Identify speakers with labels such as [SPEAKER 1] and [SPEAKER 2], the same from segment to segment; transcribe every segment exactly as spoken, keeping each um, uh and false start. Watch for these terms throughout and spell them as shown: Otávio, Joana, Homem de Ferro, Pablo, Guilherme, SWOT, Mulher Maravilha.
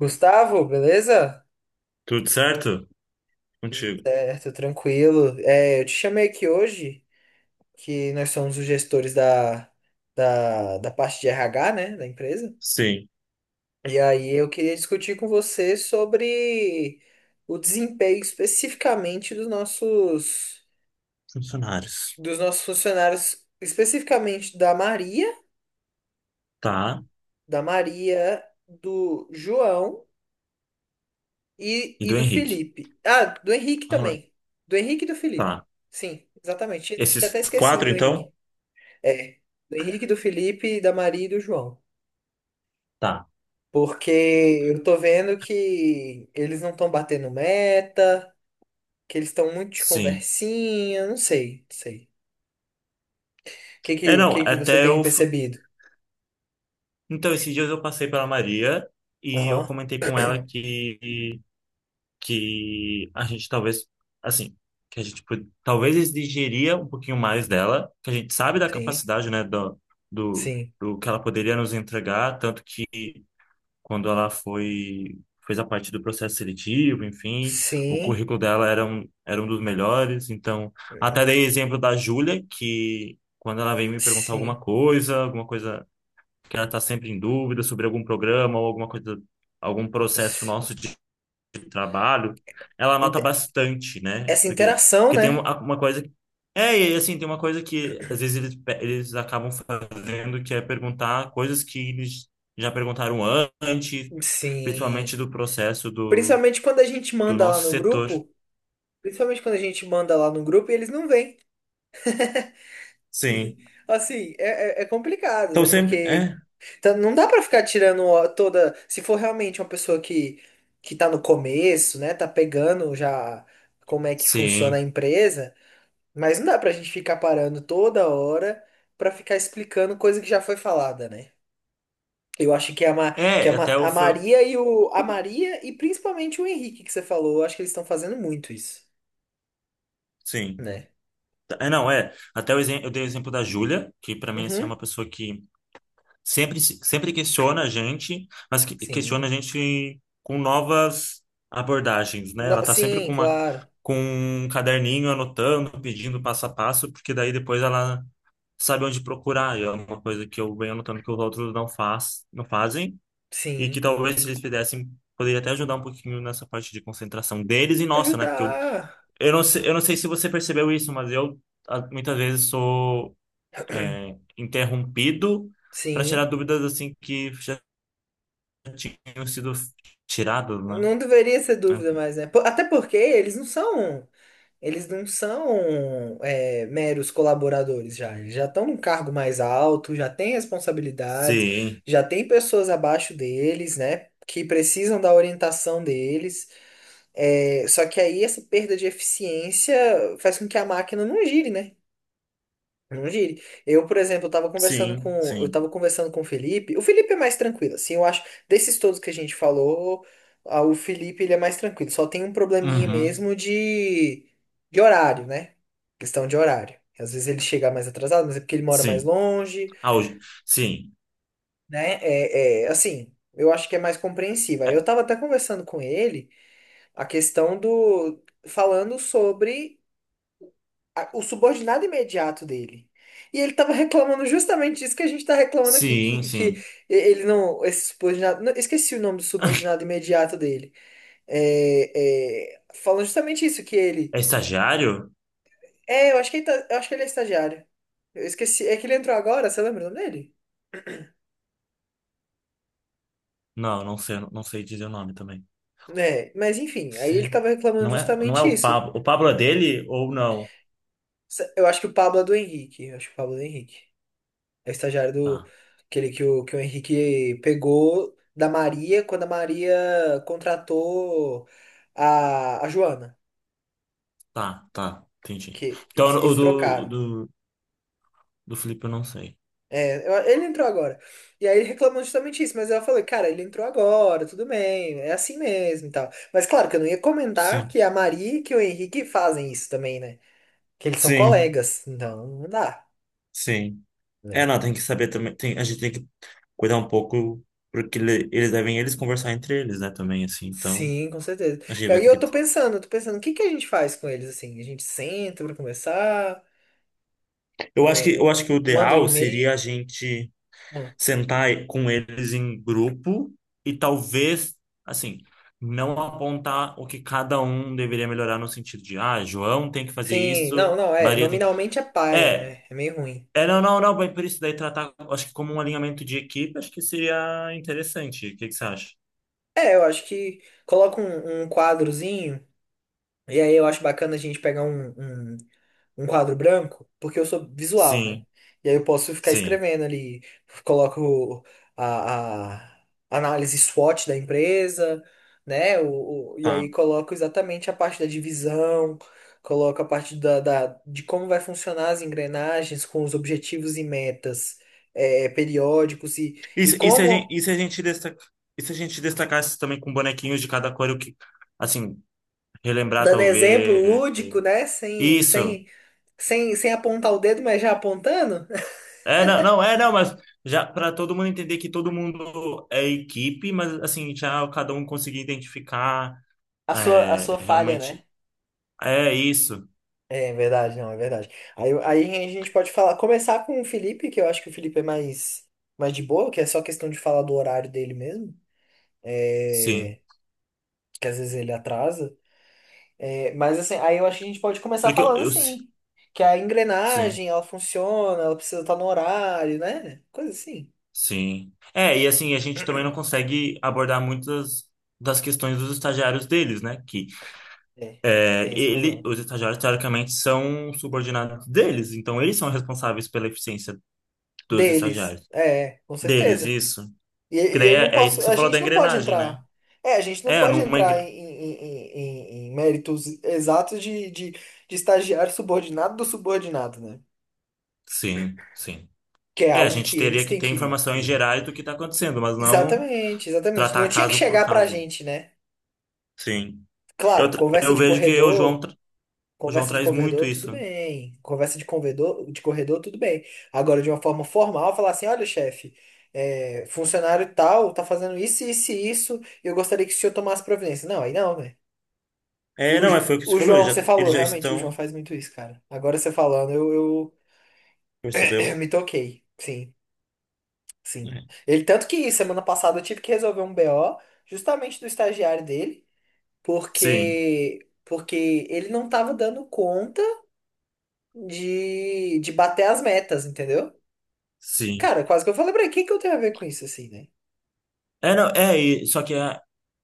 [SPEAKER 1] Gustavo, beleza?
[SPEAKER 2] Tudo certo?
[SPEAKER 1] Tudo
[SPEAKER 2] Contigo.
[SPEAKER 1] certo, tranquilo. É, eu te chamei aqui hoje, que nós somos os gestores da, da, da parte de R H, né, da empresa.
[SPEAKER 2] Sim.
[SPEAKER 1] E aí eu queria discutir com você sobre o desempenho especificamente dos nossos,
[SPEAKER 2] Funcionários.
[SPEAKER 1] dos nossos funcionários, especificamente da Maria,
[SPEAKER 2] Tá.
[SPEAKER 1] da Maria, do João. E,
[SPEAKER 2] E
[SPEAKER 1] e
[SPEAKER 2] do
[SPEAKER 1] do
[SPEAKER 2] Henrique.
[SPEAKER 1] Felipe. Ah, do Henrique
[SPEAKER 2] Aula.
[SPEAKER 1] também. Do Henrique e do Felipe.
[SPEAKER 2] Tá.
[SPEAKER 1] Sim, exatamente. Tinha tinha
[SPEAKER 2] Esses
[SPEAKER 1] até esquecido
[SPEAKER 2] quatro,
[SPEAKER 1] do Henrique.
[SPEAKER 2] então?
[SPEAKER 1] É. Do Henrique, do Felipe, da Maria e do João.
[SPEAKER 2] Tá.
[SPEAKER 1] Porque eu tô vendo que eles não estão batendo meta, que eles estão muito de
[SPEAKER 2] Sim.
[SPEAKER 1] conversinha, não sei, não sei. O que,
[SPEAKER 2] É,
[SPEAKER 1] que,
[SPEAKER 2] não,
[SPEAKER 1] que que você
[SPEAKER 2] até
[SPEAKER 1] tem
[SPEAKER 2] eu. f-
[SPEAKER 1] percebido?
[SPEAKER 2] Então, esses dias eu passei pela Maria e eu
[SPEAKER 1] Aham,
[SPEAKER 2] comentei com ela que, que a gente talvez, assim, que a gente pod- talvez exigiria um pouquinho mais dela, que a gente sabe da
[SPEAKER 1] sim,
[SPEAKER 2] capacidade, né, do, do,
[SPEAKER 1] sim,
[SPEAKER 2] do que ela poderia nos entregar, tanto que quando ela foi fez a parte do processo seletivo, enfim, o
[SPEAKER 1] sim,
[SPEAKER 2] currículo dela era um, era um dos melhores. Então, até dei exemplo da Júlia, que quando ela vem me perguntar alguma
[SPEAKER 1] sim,
[SPEAKER 2] coisa, alguma coisa que ela está sempre em dúvida sobre algum programa ou alguma coisa, algum processo
[SPEAKER 1] sim.
[SPEAKER 2] nosso de trabalho, ela nota
[SPEAKER 1] Inte-
[SPEAKER 2] bastante, né?
[SPEAKER 1] Essa
[SPEAKER 2] Porque,
[SPEAKER 1] interação,
[SPEAKER 2] porque tem
[SPEAKER 1] né?
[SPEAKER 2] uma, uma coisa. É, e assim, tem uma coisa que às vezes eles, pe- eles acabam fazendo, que é perguntar coisas que eles já perguntaram antes, principalmente
[SPEAKER 1] Sim.
[SPEAKER 2] do processo do,
[SPEAKER 1] Principalmente quando a gente
[SPEAKER 2] do
[SPEAKER 1] manda lá
[SPEAKER 2] nosso
[SPEAKER 1] no
[SPEAKER 2] setor.
[SPEAKER 1] grupo, principalmente quando a gente manda lá no grupo e eles não vêm.
[SPEAKER 2] Sim.
[SPEAKER 1] Assim, é, é- é complicado,
[SPEAKER 2] Então
[SPEAKER 1] né?
[SPEAKER 2] sempre.
[SPEAKER 1] Porque
[SPEAKER 2] É,
[SPEAKER 1] tá- não dá pra ficar tirando ó, toda. Se for realmente uma pessoa que, que tá no começo, né? Tá pegando já como é que funciona a
[SPEAKER 2] sim.
[SPEAKER 1] empresa, mas não dá pra gente ficar parando toda hora pra ficar explicando coisa que já foi falada, né? Eu acho que é a, Ma, que é a,
[SPEAKER 2] É,
[SPEAKER 1] Ma-
[SPEAKER 2] até o
[SPEAKER 1] a
[SPEAKER 2] foi.
[SPEAKER 1] Maria e o. A Maria e principalmente o Henrique que você falou, eu acho que eles estão fazendo muito isso,
[SPEAKER 2] Sim.
[SPEAKER 1] né?
[SPEAKER 2] É, não, é. Até o, exemplo eu dei o exemplo da Júlia, que pra mim assim, é
[SPEAKER 1] Uhum.
[SPEAKER 2] uma pessoa que sempre, se- sempre questiona a gente, mas que- questiona
[SPEAKER 1] Sim.
[SPEAKER 2] a gente com novas abordagens, né?
[SPEAKER 1] No-
[SPEAKER 2] Ela tá sempre
[SPEAKER 1] sim,
[SPEAKER 2] com uma,
[SPEAKER 1] claro.
[SPEAKER 2] com um caderninho anotando, pedindo passo a passo, porque daí depois ela sabe onde procurar. E é uma coisa que eu venho anotando que os outros não faz, não fazem, e que
[SPEAKER 1] Sim.
[SPEAKER 2] talvez se eles fizessem, poderia até ajudar um pouquinho nessa parte de concentração deles e nossa, né? Porque eu,
[SPEAKER 1] Ajudar.
[SPEAKER 2] eu não sei, eu não sei se você percebeu isso, mas eu ah, muitas vezes sou é, interrompido para tirar
[SPEAKER 1] Sim.
[SPEAKER 2] dúvidas assim que já tinham sido tiradas, né?
[SPEAKER 1] Não deveria ser dúvida
[SPEAKER 2] Enfim.
[SPEAKER 1] mais, né? Po- Até porque eles não são, eles não são é, meros colaboradores já. Eles já estão num cargo mais alto, já têm responsabilidades,
[SPEAKER 2] Sim,
[SPEAKER 1] já tem pessoas abaixo deles, né? Que precisam da orientação deles. É, só que aí essa perda de eficiência faz com que a máquina não gire, né? Não gire. Eu, por exemplo, eu tava conversando com,
[SPEAKER 2] sim,
[SPEAKER 1] eu
[SPEAKER 2] sim.
[SPEAKER 1] tava conversando com o Felipe. O Felipe é mais tranquilo, assim, eu acho, desses todos que a gente falou, ah, o Felipe ele é mais tranquilo. Só tem um probleminha
[SPEAKER 2] Uhum.
[SPEAKER 1] mesmo de, de horário, né? Questão de horário. Às vezes ele chega mais atrasado, mas é porque ele mora mais
[SPEAKER 2] Sim.
[SPEAKER 1] longe,
[SPEAKER 2] Ah, hoje. Sim.
[SPEAKER 1] né? É, é, assim, eu acho que é mais compreensível. Eu
[SPEAKER 2] É,
[SPEAKER 1] tava até conversando com ele a questão do, falando sobre a- o subordinado imediato dele. E ele estava reclamando justamente disso que a gente está reclamando aqui,
[SPEAKER 2] sim,
[SPEAKER 1] que, que
[SPEAKER 2] sim.
[SPEAKER 1] ele não, esse subordinado, não, esqueci o nome do subordinado imediato dele. É, é, falando justamente isso, que ele,
[SPEAKER 2] É estagiário?
[SPEAKER 1] é, eu acho que ele tá- eu acho que ele é estagiário. Eu esqueci, é que ele entrou agora, você lembra o nome dele?
[SPEAKER 2] Não, não sei, não sei dizer o nome também.
[SPEAKER 1] Né, mas enfim, aí ele
[SPEAKER 2] Você...
[SPEAKER 1] estava reclamando
[SPEAKER 2] Não é, não é
[SPEAKER 1] justamente
[SPEAKER 2] o
[SPEAKER 1] isso.
[SPEAKER 2] Pablo. O Pablo é dele ou não?
[SPEAKER 1] Eu acho que o Pablo é do Henrique, eu acho que o Pablo é do Henrique. É o estagiário do
[SPEAKER 2] Tá,
[SPEAKER 1] aquele que o, que o Henrique pegou da Maria quando a Maria contratou a, a Joana,
[SPEAKER 2] tá, tá. Entendi.
[SPEAKER 1] que
[SPEAKER 2] Então,
[SPEAKER 1] eles,
[SPEAKER 2] o
[SPEAKER 1] eles
[SPEAKER 2] do,
[SPEAKER 1] trocaram.
[SPEAKER 2] do, do Felipe eu não sei.
[SPEAKER 1] É, eu- ele entrou agora. E aí ele reclamou justamente isso, mas eu falei, cara, ele entrou agora, tudo bem, é assim mesmo e tal. Mas claro que eu não ia comentar
[SPEAKER 2] Sim.
[SPEAKER 1] que a Maria e que o Henrique fazem isso também, né? Que eles são
[SPEAKER 2] Sim,
[SPEAKER 1] colegas, então não dá,
[SPEAKER 2] sim. É,
[SPEAKER 1] né?
[SPEAKER 2] não, tem que saber também. Tem- a gente tem que cuidar um pouco, porque ele- eles devem eles conversar entre eles, né, também, assim. Então,
[SPEAKER 1] Sim, com certeza.
[SPEAKER 2] a gente
[SPEAKER 1] E
[SPEAKER 2] vai
[SPEAKER 1] aí
[SPEAKER 2] ter
[SPEAKER 1] eu
[SPEAKER 2] que.
[SPEAKER 1] tô pensando, eu tô pensando, o que que a gente faz com eles assim? A gente senta pra conversar?
[SPEAKER 2] Eu acho que, eu
[SPEAKER 1] É,
[SPEAKER 2] acho que o
[SPEAKER 1] manda um
[SPEAKER 2] ideal seria
[SPEAKER 1] e-mail.
[SPEAKER 2] a gente
[SPEAKER 1] Ah,
[SPEAKER 2] sentar com eles em grupo e talvez, assim, não apontar o que cada um deveria melhorar no sentido de, ah, João tem que fazer
[SPEAKER 1] sim, não,
[SPEAKER 2] isso,
[SPEAKER 1] não, é.
[SPEAKER 2] Maria tem.
[SPEAKER 1] Nominalmente é paia,
[SPEAKER 2] É.
[SPEAKER 1] né? É meio ruim.
[SPEAKER 2] É, não, não, não, mas por isso daí tratar, acho que como um alinhamento de equipe, acho que seria interessante. O que que você acha?
[SPEAKER 1] É, eu acho que coloca um, um quadrozinho. E aí eu acho bacana a gente pegar um, um, um quadro branco, porque eu sou visual, né?
[SPEAKER 2] Sim,
[SPEAKER 1] E aí eu posso ficar
[SPEAKER 2] sim.
[SPEAKER 1] escrevendo ali, coloco a, a análise SWOT da empresa, né? O, o- e
[SPEAKER 2] Tá.
[SPEAKER 1] aí coloco exatamente a parte da divisão, coloco a parte da, da- de como vai funcionar as engrenagens com os objetivos e metas eh, periódicos e,
[SPEAKER 2] E,
[SPEAKER 1] e
[SPEAKER 2] se- e, se a gente,
[SPEAKER 1] como,
[SPEAKER 2] e se a gente destaca, e se a gente destacasse também com bonequinhos de cada cor, o que, assim, relembrar
[SPEAKER 1] dando exemplo
[SPEAKER 2] talvez.
[SPEAKER 1] lúdico, né? Sem,
[SPEAKER 2] Isso.
[SPEAKER 1] sem, sem, sem apontar o dedo, mas já apontando.
[SPEAKER 2] É, não, não, é, não, mas já para todo mundo entender que todo mundo é equipe, mas assim, já cada um conseguir identificar
[SPEAKER 1] A sua, a
[SPEAKER 2] é,
[SPEAKER 1] sua falha, né?
[SPEAKER 2] realmente. É isso,
[SPEAKER 1] É verdade, não, é verdade. Aí, aí a gente pode falar, começar com o Felipe, que eu acho que o Felipe é mais, mais de boa, que é só questão de falar do horário dele mesmo,
[SPEAKER 2] sim.
[SPEAKER 1] é, que às vezes ele atrasa. É, mas assim, aí eu acho que a gente pode começar
[SPEAKER 2] Porque eu,
[SPEAKER 1] falando
[SPEAKER 2] eu si-
[SPEAKER 1] assim, que a
[SPEAKER 2] sim,
[SPEAKER 1] engrenagem, ela funciona, ela precisa estar no horário, né? Coisa assim.
[SPEAKER 2] sim. É, e assim, a gente também não consegue abordar muitas das questões dos estagiários deles, né? Que
[SPEAKER 1] É,
[SPEAKER 2] É,
[SPEAKER 1] tem esse
[SPEAKER 2] ele,
[SPEAKER 1] problema.
[SPEAKER 2] os estagiários, teoricamente, são subordinados deles, então eles são responsáveis pela eficiência dos
[SPEAKER 1] Deles,
[SPEAKER 2] estagiários.
[SPEAKER 1] é, com
[SPEAKER 2] Deles,
[SPEAKER 1] certeza.
[SPEAKER 2] isso.
[SPEAKER 1] E,
[SPEAKER 2] Que
[SPEAKER 1] e
[SPEAKER 2] daí
[SPEAKER 1] eu não
[SPEAKER 2] é, é isso
[SPEAKER 1] posso.
[SPEAKER 2] que você
[SPEAKER 1] A
[SPEAKER 2] falou da
[SPEAKER 1] gente não pode
[SPEAKER 2] engrenagem, né?
[SPEAKER 1] entrar. É, a gente não
[SPEAKER 2] É,
[SPEAKER 1] pode
[SPEAKER 2] numa
[SPEAKER 1] entrar em,
[SPEAKER 2] engrenagem.
[SPEAKER 1] em- em- em- em méritos exatos de, de, de estagiário subordinado do subordinado, né?
[SPEAKER 2] Sim, sim.
[SPEAKER 1] Que é
[SPEAKER 2] É, a
[SPEAKER 1] algo que
[SPEAKER 2] gente teria
[SPEAKER 1] eles
[SPEAKER 2] que
[SPEAKER 1] têm
[SPEAKER 2] ter
[SPEAKER 1] que, que
[SPEAKER 2] informações
[SPEAKER 1] ver.
[SPEAKER 2] gerais do que está acontecendo, mas não
[SPEAKER 1] Exatamente, exatamente. Não
[SPEAKER 2] tratar
[SPEAKER 1] tinha que
[SPEAKER 2] caso por
[SPEAKER 1] chegar pra
[SPEAKER 2] caso.
[SPEAKER 1] gente, né?
[SPEAKER 2] Sim. Eu,
[SPEAKER 1] Claro,
[SPEAKER 2] tra-
[SPEAKER 1] conversa
[SPEAKER 2] eu
[SPEAKER 1] de
[SPEAKER 2] vejo que o João,
[SPEAKER 1] corredor,
[SPEAKER 2] tra- o João
[SPEAKER 1] conversa de
[SPEAKER 2] traz muito
[SPEAKER 1] corredor, tudo
[SPEAKER 2] isso.
[SPEAKER 1] bem. Conversa de corredor, de corredor, tudo bem. Agora, de uma forma formal, falar assim: olha, chefe, é, funcionário tal tá fazendo isso, isso e isso, e eu gostaria que o senhor tomasse providência. Não, aí não, né? E
[SPEAKER 2] É,
[SPEAKER 1] o,
[SPEAKER 2] não, é,
[SPEAKER 1] Jo-
[SPEAKER 2] foi o que você
[SPEAKER 1] o
[SPEAKER 2] falou, eles
[SPEAKER 1] João,
[SPEAKER 2] já,
[SPEAKER 1] você falou,
[SPEAKER 2] eles já
[SPEAKER 1] realmente, o João
[SPEAKER 2] estão,
[SPEAKER 1] faz muito isso, cara. Agora você falando, eu, eu eu
[SPEAKER 2] percebeu?
[SPEAKER 1] me toquei. Sim, sim.
[SPEAKER 2] É.
[SPEAKER 1] Ele, tanto que semana passada eu tive que resolver um B O justamente do estagiário dele,
[SPEAKER 2] Sim,
[SPEAKER 1] porque, porque ele não tava dando conta de, de bater as metas, entendeu?
[SPEAKER 2] sim.
[SPEAKER 1] Cara, quase que eu falei pra ele, o que que eu tenho a ver com isso, assim, né?
[SPEAKER 2] É, não, é, e- só que a-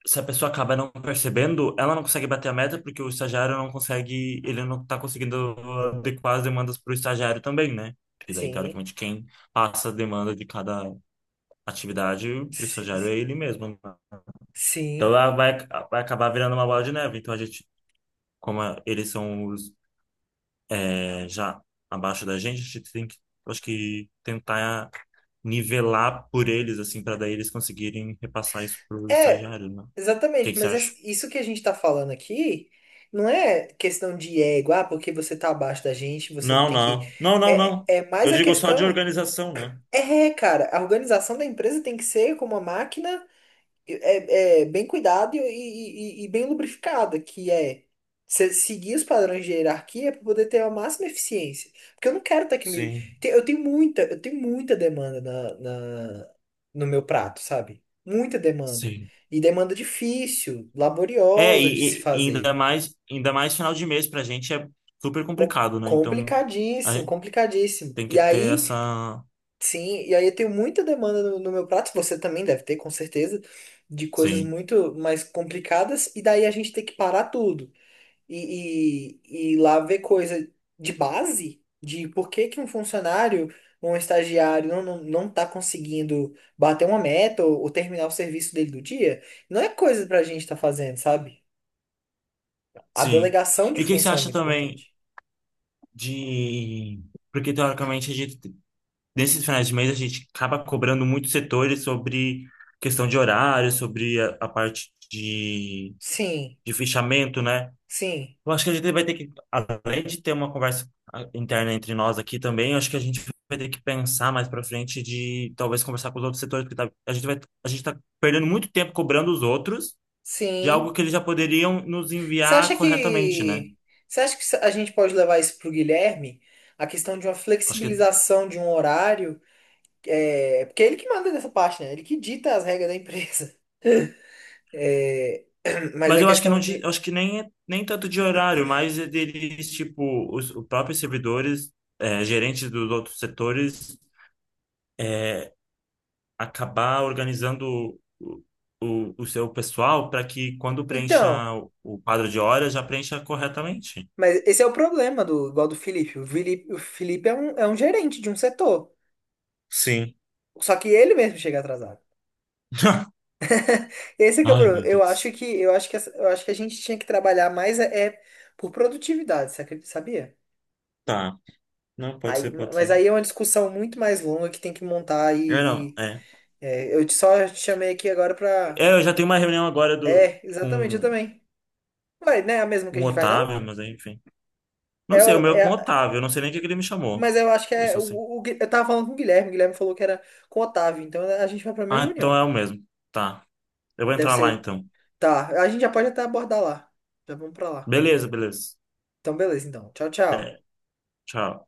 [SPEAKER 2] se a pessoa acaba não percebendo, ela não consegue bater a meta porque o estagiário não consegue, ele não tá conseguindo adequar as demandas para o estagiário também, né? Porque daí,
[SPEAKER 1] Sim,
[SPEAKER 2] teoricamente, quem passa a demanda de cada atividade para o
[SPEAKER 1] sim,
[SPEAKER 2] estagiário é ele mesmo, né? Então,
[SPEAKER 1] sim.
[SPEAKER 2] ela vai, vai acabar virando uma bola de neve. Então, a gente, como a- eles são os, é, já abaixo da gente, a gente tem que, acho que, tentar nivelar por eles, assim, para daí eles conseguirem repassar isso para o
[SPEAKER 1] É,
[SPEAKER 2] estagiário, né? O que
[SPEAKER 1] exatamente,
[SPEAKER 2] que você
[SPEAKER 1] mas é
[SPEAKER 2] acha?
[SPEAKER 1] isso que a gente tá falando aqui não é questão de ego, ah, porque você tá abaixo da gente, você não
[SPEAKER 2] Não,
[SPEAKER 1] tem que.
[SPEAKER 2] não. Não, não,
[SPEAKER 1] É,
[SPEAKER 2] não.
[SPEAKER 1] é é mais
[SPEAKER 2] Eu
[SPEAKER 1] a
[SPEAKER 2] digo só de
[SPEAKER 1] questão.
[SPEAKER 2] organização, né?
[SPEAKER 1] É, cara, a organização da empresa tem que ser como uma máquina é, é bem cuidado e, e- e- e bem lubrificada, que é se- seguir os padrões de hierarquia para poder ter a máxima eficiência. Porque eu não quero ter que me.
[SPEAKER 2] Sim,
[SPEAKER 1] te- Eu tenho muita, eu tenho muita demanda na, na- no meu prato, sabe? Muita demanda.
[SPEAKER 2] sim.
[SPEAKER 1] E demanda difícil,
[SPEAKER 2] É,
[SPEAKER 1] laboriosa de se
[SPEAKER 2] e, e- e ainda
[SPEAKER 1] fazer.
[SPEAKER 2] mais, ainda mais final de mês pra gente é super
[SPEAKER 1] Com-
[SPEAKER 2] complicado, né? Então,
[SPEAKER 1] Complicadíssimo,
[SPEAKER 2] a-
[SPEAKER 1] complicadíssimo.
[SPEAKER 2] tem
[SPEAKER 1] E
[SPEAKER 2] que ter
[SPEAKER 1] aí
[SPEAKER 2] essa.
[SPEAKER 1] sim, e aí eu tenho muita demanda no, no meu prato, você também deve ter, com certeza, de coisas
[SPEAKER 2] Sim,
[SPEAKER 1] muito mais complicadas, e daí a gente tem que parar tudo e, e, e lá ver coisa de base, de por que que um funcionário, um estagiário não, não, não tá conseguindo bater uma meta ou, ou terminar o serviço dele do dia, não é coisa pra gente estar fazendo, sabe? A
[SPEAKER 2] sim.
[SPEAKER 1] delegação de
[SPEAKER 2] E o que que você
[SPEAKER 1] função é
[SPEAKER 2] acha
[SPEAKER 1] muito
[SPEAKER 2] também
[SPEAKER 1] importante.
[SPEAKER 2] de. Porque, teoricamente, a gente, nesses finais de mês, a gente acaba cobrando muitos setores sobre questão de horário, sobre a, a parte de,
[SPEAKER 1] Sim,
[SPEAKER 2] de fechamento, né?
[SPEAKER 1] sim,
[SPEAKER 2] Eu acho que a gente vai ter que, além de ter uma conversa ah, interna entre nós aqui também, eu acho que a gente vai ter que pensar mais pra frente de talvez conversar com os outros setores, porque tá- a gente vai, a gente tá perdendo muito tempo cobrando os outros de algo
[SPEAKER 1] sim.
[SPEAKER 2] que eles já poderiam nos
[SPEAKER 1] Você
[SPEAKER 2] enviar
[SPEAKER 1] acha
[SPEAKER 2] corretamente, né?
[SPEAKER 1] que você acha que a gente pode levar isso para o Guilherme? A questão de uma
[SPEAKER 2] Acho que,
[SPEAKER 1] flexibilização de um horário, é, porque é ele que manda nessa parte, né? Ele que dita as regras da empresa. É, mas
[SPEAKER 2] mas
[SPEAKER 1] a
[SPEAKER 2] eu acho que não,
[SPEAKER 1] questão
[SPEAKER 2] de- eu
[SPEAKER 1] de.
[SPEAKER 2] acho que nem é- nem tanto de horário, mas é deles, tipo, os, os próprios servidores, eh, gerentes dos outros setores é, acabar organizando o, o, o seu pessoal para que quando preencha
[SPEAKER 1] Então,
[SPEAKER 2] o, o quadro de horas, já preencha corretamente.
[SPEAKER 1] mas esse é o problema do igual do Felipe. O Felipe, o Felipe é um, é um gerente de um setor.
[SPEAKER 2] Sim.
[SPEAKER 1] Só que ele mesmo chega atrasado. Esse é que é o
[SPEAKER 2] Ai,
[SPEAKER 1] problema.
[SPEAKER 2] meu
[SPEAKER 1] Eu acho
[SPEAKER 2] Deus.
[SPEAKER 1] que eu acho que essa- eu acho que a gente tinha que trabalhar mais é, é por produtividade, você acredita- sabia?
[SPEAKER 2] Tá. Não, pode
[SPEAKER 1] Aí,
[SPEAKER 2] ser, pode
[SPEAKER 1] mas
[SPEAKER 2] ser.
[SPEAKER 1] aí é uma discussão muito mais longa que tem que montar
[SPEAKER 2] Eu não,
[SPEAKER 1] e,
[SPEAKER 2] é.
[SPEAKER 1] e, é, eu te- só te chamei aqui agora pra.
[SPEAKER 2] É, eu já tenho uma reunião agora do,
[SPEAKER 1] É, exatamente, eu
[SPEAKER 2] com,
[SPEAKER 1] também. Ué, não é a mesma que a
[SPEAKER 2] com o
[SPEAKER 1] gente vai, não?
[SPEAKER 2] Otávio, mas aí, enfim. Não
[SPEAKER 1] É,
[SPEAKER 2] sei, o
[SPEAKER 1] a-
[SPEAKER 2] meu é
[SPEAKER 1] é,
[SPEAKER 2] com o
[SPEAKER 1] a-
[SPEAKER 2] Otávio, eu não sei nem o que que ele me chamou.
[SPEAKER 1] mas eu acho que
[SPEAKER 2] Eu
[SPEAKER 1] é.
[SPEAKER 2] só
[SPEAKER 1] O,
[SPEAKER 2] sei.
[SPEAKER 1] o- o Gui- eu tava falando com o Guilherme, o Guilherme falou que era com o Otávio, então a gente vai pra mesma
[SPEAKER 2] Ah, então
[SPEAKER 1] reunião.
[SPEAKER 2] é o mesmo. Tá. Eu vou
[SPEAKER 1] Deve
[SPEAKER 2] entrar lá
[SPEAKER 1] ser.
[SPEAKER 2] então.
[SPEAKER 1] Tá, a gente já pode até abordar lá. Já vamos pra lá.
[SPEAKER 2] Beleza, beleza.
[SPEAKER 1] Então, beleza, então. Tchau, tchau.
[SPEAKER 2] Até. Tchau.